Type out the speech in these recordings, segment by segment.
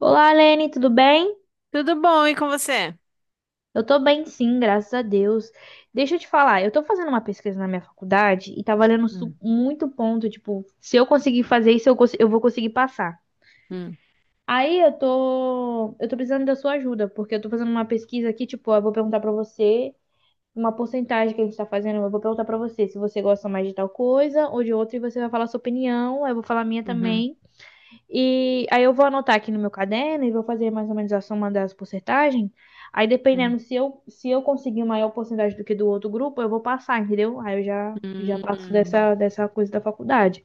Olá, Lene, tudo bem? Tudo bom, e com você? Eu tô bem, sim, graças a Deus. Deixa eu te falar, eu tô fazendo uma pesquisa na minha faculdade e tá valendo Hum, muito ponto, tipo, se eu conseguir fazer isso, eu vou conseguir passar. hum, Aí eu tô precisando da sua ajuda, porque eu tô fazendo uma pesquisa aqui, tipo, eu vou perguntar pra você uma porcentagem que a gente tá fazendo, eu vou perguntar pra você se você gosta mais de tal coisa ou de outra e você vai falar a sua opinião, aí eu vou falar a minha uhum, também. E aí eu vou anotar aqui no meu caderno e vou fazer mais ou menos a soma das porcentagens. Aí hum, dependendo se eu conseguir maior porcentagem do que do outro grupo, eu vou passar, entendeu? Aí eu já passo hum. dessa coisa da faculdade.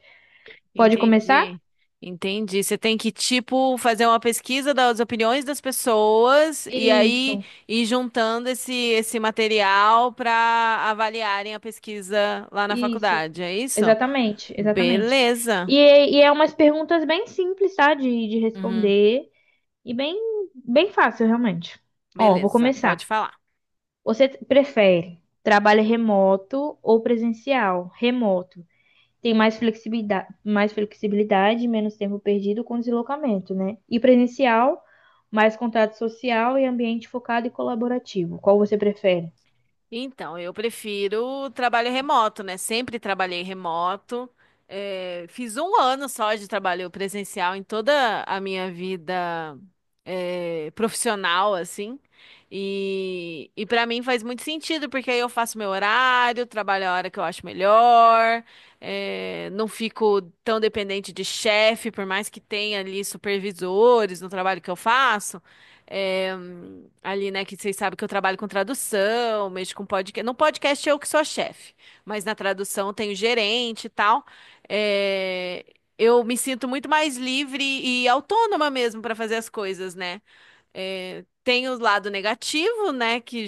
Pode começar? Entendi, entendi. Você tem que, tipo, fazer uma pesquisa das opiniões das pessoas e aí Isso, ir juntando esse material para avaliarem a pesquisa lá na isso. faculdade, é isso? Exatamente, exatamente. Beleza. E, e é umas perguntas bem simples, tá? De Uhum, responder e bem, bem fácil, realmente. Ó, vou beleza, pode começar. falar. Você prefere trabalho remoto ou presencial? Remoto. Tem mais flexibilidade, menos tempo perdido com deslocamento, né? E presencial, mais contato social e ambiente focado e colaborativo. Qual você prefere? Então, eu prefiro trabalho remoto, né? Sempre trabalhei remoto. É, fiz um ano só de trabalho presencial em toda a minha vida, é, profissional, assim. E para mim faz muito sentido, porque aí eu faço meu horário, trabalho a hora que eu acho melhor, é, não fico tão dependente de chefe, por mais que tenha ali supervisores no trabalho que eu faço. É, ali, né, que vocês sabem que eu trabalho com tradução, mexo com podcast. No podcast eu que sou a chefe, mas na tradução eu tenho gerente e tal. É, eu me sinto muito mais livre e autônoma mesmo para fazer as coisas, né? É, tem o lado negativo, né? Que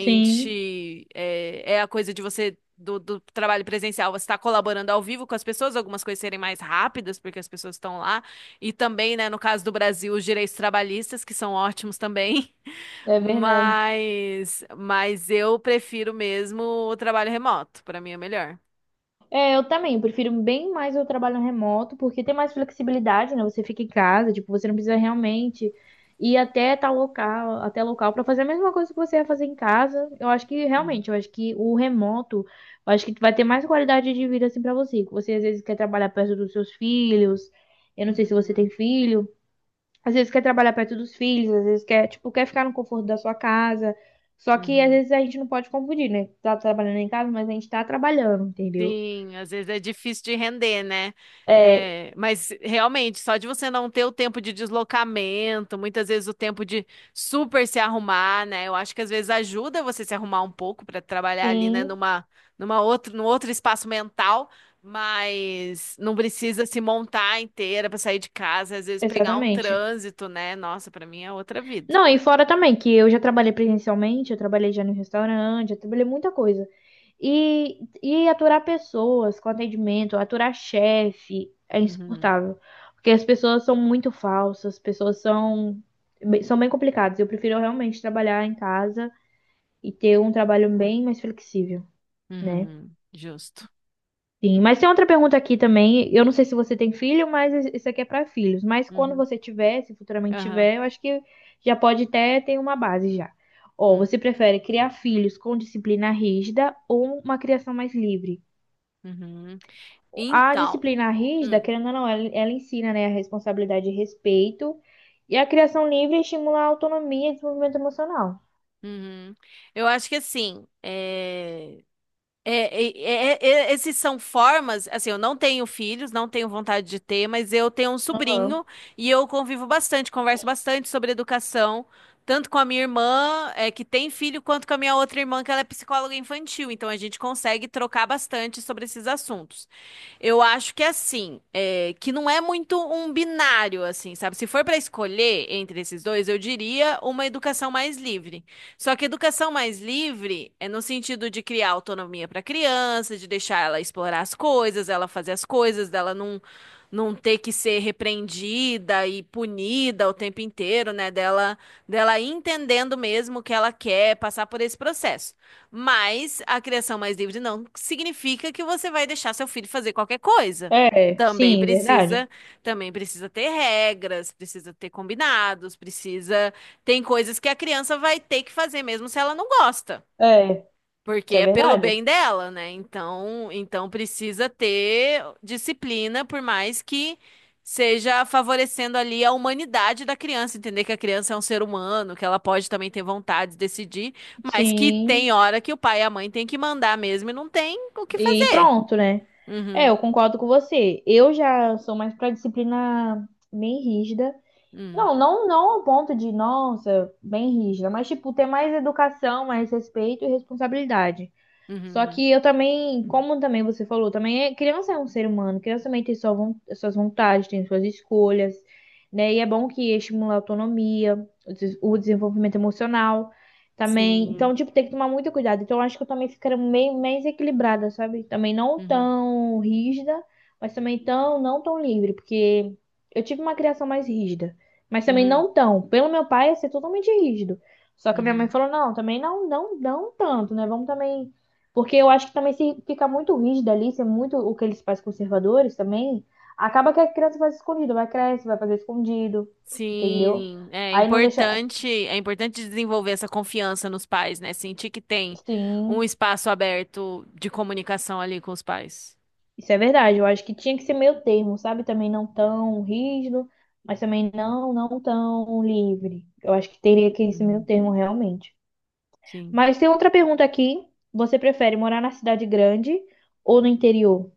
Sim, é a coisa de você, do trabalho presencial, você está colaborando ao vivo com as pessoas, algumas coisas serem mais rápidas, porque as pessoas estão lá. E também, né, no caso do Brasil, os direitos trabalhistas, que são ótimos também. é verdade. Mas eu prefiro mesmo o trabalho remoto. Para mim é melhor. É, eu também, eu prefiro bem mais o trabalho remoto, porque tem mais flexibilidade, né? Você fica em casa, tipo, você não precisa realmente ir até tal local, até local para fazer a mesma coisa que você ia fazer em casa. Eu acho que Uhum, realmente, eu acho que o remoto, eu acho que vai ter mais qualidade de vida assim para você. Que você às vezes quer trabalhar perto dos seus filhos. Eu não sei se você uhum, tem filho. Às vezes quer trabalhar perto dos filhos, às vezes quer, tipo, quer ficar no conforto da sua casa. Só que às uhum. vezes a gente não pode confundir, né? Tá trabalhando em casa, mas a gente tá trabalhando, entendeu? Sim, às vezes é difícil de render, né? É, É, mas realmente, só de você não ter o tempo de deslocamento, muitas vezes o tempo de super se arrumar, né? Eu acho que às vezes ajuda você se arrumar um pouco para trabalhar ali, né, sim, num outro espaço mental, mas não precisa se montar inteira para sair de casa, às vezes pegar um exatamente. trânsito, né? Nossa, para mim é outra vida. Não, e fora também, que eu já trabalhei presencialmente, eu trabalhei já no restaurante, eu trabalhei muita coisa. E aturar pessoas com atendimento, aturar chefe é Uhum, insuportável. Porque as pessoas são muito falsas, as pessoas são bem complicadas. Eu prefiro realmente trabalhar em casa e ter um trabalho bem mais flexível, né? uhum, justo. Sim, mas tem outra pergunta aqui também. Eu não sei se você tem filho, mas isso aqui é para filhos. Mas quando Uhum, você tiver, se futuramente aham, tiver, eu acho que já pode até ter uma base já. Ó, hum, você prefere criar filhos com disciplina rígida ou uma criação mais livre? uhum. A Então. disciplina rígida, Hum. querendo ou não, ela ensina, né, a responsabilidade e respeito. E a criação livre estimula a autonomia e desenvolvimento emocional. Uhum. Eu acho que assim, é- esses são formas, assim, eu não tenho filhos, não tenho vontade de ter, mas eu tenho um Aham. sobrinho e eu convivo bastante, converso bastante sobre educação, tanto com a minha irmã, é, que tem filho, quanto com a minha outra irmã, que ela é psicóloga infantil, então a gente consegue trocar bastante sobre esses assuntos. Eu acho que é assim, é, que não é muito um binário, assim, sabe? Se for para escolher entre esses dois, eu diria uma educação mais livre. Só que educação mais livre é no sentido de criar autonomia para a criança, de deixar ela explorar as coisas, ela fazer as coisas, dela não, não ter que ser repreendida e punida o tempo inteiro, né? Dela ir entendendo mesmo o que ela quer, passar por esse processo. Mas a criação mais livre não significa que você vai deixar seu filho fazer qualquer coisa. É, Também sim, verdade. precisa, também precisa ter regras, precisa ter combinados, tem coisas que a criança vai ter que fazer mesmo se ela não gosta. É, isso Porque é é pelo verdade. bem dela, né? Então precisa ter disciplina, por mais que seja favorecendo ali a humanidade da criança, entender que a criança é um ser humano, que ela pode também ter vontade de decidir, mas que tem Sim. hora que o pai e a mãe têm que mandar mesmo e não tem o que E fazer. pronto, né? É, eu Uhum, concordo com você. Eu já sou mais pra disciplina bem rígida. uhum, Não, não, não ao ponto de, nossa, bem rígida, mas tipo, ter mais educação, mais respeito e responsabilidade. uhum, Só hum. que eu também, como também você falou, também é, criança é um ser humano, criança também tem suas vontades, tem suas escolhas, né? E é bom que estimula a autonomia, o desenvolvimento emocional também. sim, Então, tipo, tem que tomar muito cuidado. Então, eu acho que eu também ficaria meio mais equilibrada, sabe? Também não uhum, tão rígida, mas também não tão livre, porque eu tive uma criação mais rígida, mas também uhum, não tão. Pelo meu pai, ia ser totalmente rígido. Só que a minha mãe uhum. falou, não, também não, não, não tanto, né? Vamos também porque eu acho que também se fica muito rígido ali, se é muito o que eles fazem com os conservadores também, acaba que a criança faz escondido, vai crescer, vai fazer escondido, entendeu? Sim, é, Aí não deixa. importante, é importante desenvolver essa confiança nos pais, né? Sentir que tem um Sim, espaço aberto de comunicação ali com os pais. isso é verdade. Eu acho que tinha que ser meio termo, sabe? Também não tão rígido, mas também não, não tão livre. Eu acho que teria que ser meio Uhum, termo realmente. sim. Mas tem outra pergunta aqui. Você prefere morar na cidade grande ou no interior?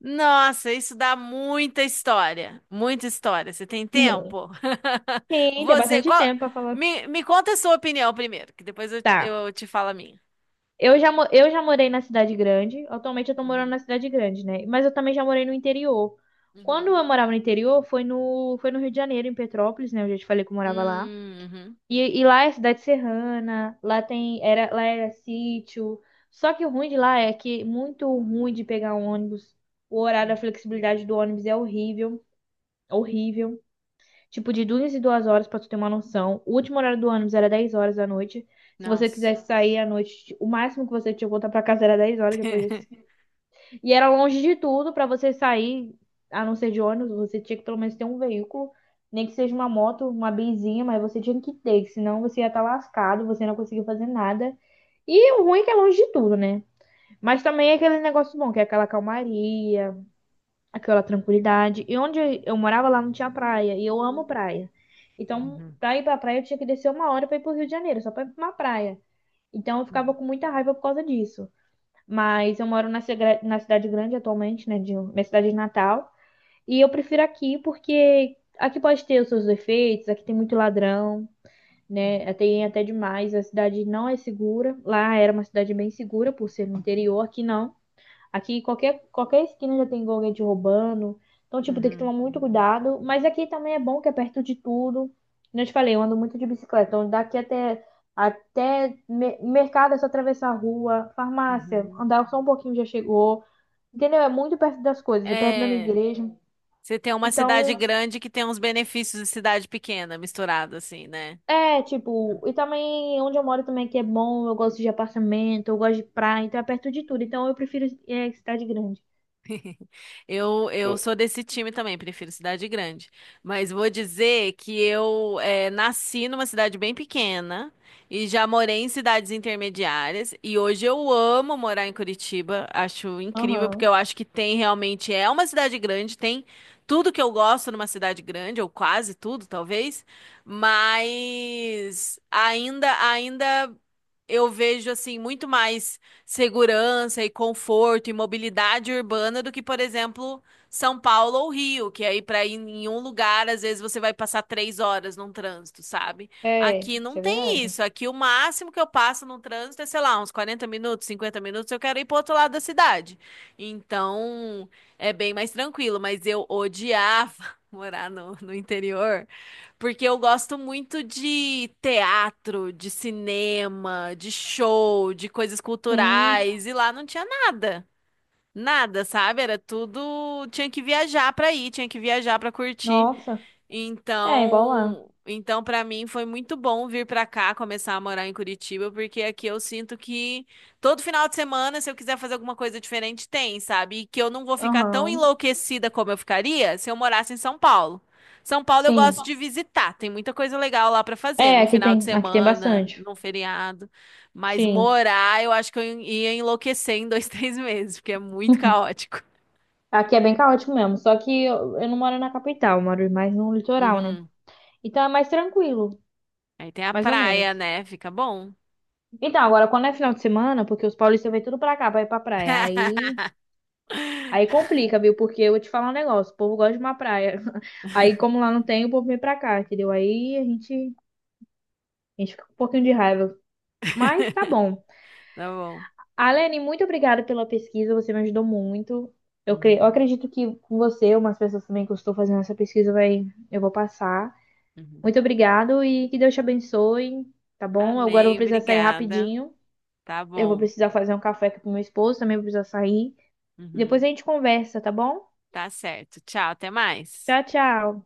Nossa, isso dá muita história, muita história. Você tem tempo? Sim, tem Você, bastante qual- tempo pra falar. me conta a sua opinião primeiro, que depois eu, Tá. Te falo a minha. Eu já morei na cidade grande. Atualmente eu tô morando Uhum, na cidade grande, né? Mas eu também já morei no interior. Quando uhum, eu morava no interior, foi no Rio de Janeiro, em Petrópolis, né? Eu já te falei que eu morava lá. Uhum, E lá é cidade serrana, lá era sítio. Só que o ruim de lá é que é muito ruim de pegar um ônibus. O horário, a hum. flexibilidade do ônibus é horrível, horrível. Tipo, de duas e duas horas, pra tu ter uma noção. O último horário do ônibus era 10 horas da noite. Se você Nossa. quisesse sair à noite, o máximo que você tinha que voltar pra casa era 10 horas depois disso. E era longe de tudo pra você sair, a não ser de ônibus, você tinha que pelo menos ter um veículo, nem que seja uma moto, uma benzinha, mas você tinha que ter, que senão você ia estar lascado, você não conseguia fazer nada. E o ruim é que é longe de tudo, né? Mas também é aquele negócio bom, que é aquela calmaria, aquela tranquilidade. E onde eu morava lá não tinha praia, e eu amo praia. Então, Uhum, pra ir pra praia eu tinha que descer 1 hora pra ir pro Rio de Janeiro, só pra ir pra uma praia. Então eu ficava uhum, com muita raiva por causa disso. Mas eu moro na cidade grande atualmente, né, de, minha cidade de Natal, e eu prefiro aqui porque aqui pode ter os seus defeitos, aqui tem muito ladrão. Né? Tem até demais, a cidade não é segura. Lá era uma cidade bem segura por ser no interior, aqui não. Aqui qualquer esquina já tem alguém te roubando. Então, tipo, tem que uhum, tomar muito cuidado. Mas aqui também é bom que é perto de tudo. Como eu te falei, eu ando muito de bicicleta. Então, daqui até mercado é só atravessar a rua, uhum, farmácia, uhum. andar só um pouquinho já chegou. Entendeu? É muito perto das coisas, é perto da minha É. igreja. Você tem uma cidade Então, grande que tem uns benefícios de cidade pequena, misturado assim, né? é, tipo, e também onde eu moro também que é bom, eu gosto de apartamento, eu gosto de praia, então é perto de tudo. Então eu prefiro é, cidade grande. Eu sou desse time também, prefiro cidade grande. Mas vou dizer que eu nasci numa cidade bem pequena e já morei em cidades intermediárias. E hoje eu amo morar em Curitiba, acho incrível, porque Aham. eu acho que tem realmente, é uma cidade grande, tem tudo que eu gosto numa cidade grande, ou quase tudo, talvez. Mas ainda, eu vejo assim muito mais segurança e conforto e mobilidade urbana do que, por exemplo, São Paulo ou Rio, que aí para ir em um lugar, às vezes você vai passar 3 horas num trânsito, sabe? É, Aqui isso não é tem verdade. isso. Aqui o máximo que eu passo num trânsito é, sei lá, uns 40 minutos, 50 minutos, eu quero ir pro outro lado da cidade. Então, é bem mais tranquilo, mas eu odiava morar no interior. Porque eu gosto muito de teatro, de cinema, de show, de coisas Sim. culturais, e lá não tinha nada. Nada, sabe? Era tudo. Tinha que viajar pra ir, tinha que viajar pra curtir. Nossa. É, igual lá. Então para mim foi muito bom vir para cá, começar a morar em Curitiba, porque aqui eu sinto que todo final de semana, se eu quiser fazer alguma coisa diferente, tem, sabe? E que eu não vou ficar tão Aham. enlouquecida como eu ficaria se eu morasse em São Paulo. São Paulo eu Sim. gosto de visitar, tem muita coisa legal lá para fazer, É, num final de aqui tem semana, bastante. num feriado, mas Sim. morar, eu acho que eu ia enlouquecer em 2, 3 meses, porque é muito caótico. Aqui é bem caótico mesmo. Só que eu não moro na capital, eu moro mais no litoral, né? Uhum. Então é mais tranquilo, Aí tem a mais ou menos. praia, né? Fica bom. Então, agora, quando é final de semana, porque os paulistas vêm tudo pra cá, pra ir pra praia. Aí, aí complica, viu? Porque eu vou te falar um negócio, o povo gosta de uma praia. Aí, como lá não tem, o povo vem pra cá, entendeu? Aí a gente fica com um pouquinho de raiva. Mas tá bom. Tá bom. Alene, muito obrigada pela pesquisa, você me ajudou muito. Eu Uhum, acredito que com você, umas pessoas também que eu estou fazendo essa pesquisa, eu vou passar. uhum. Muito obrigado e que Deus te abençoe, tá bom? Agora eu vou Amém, precisar sair obrigada. rapidinho. Tá Eu vou bom. precisar fazer um café aqui pro meu esposo, também vou precisar sair. Depois Uhum, a gente conversa, tá bom? tá certo. Tchau, até mais. Tchau, tchau.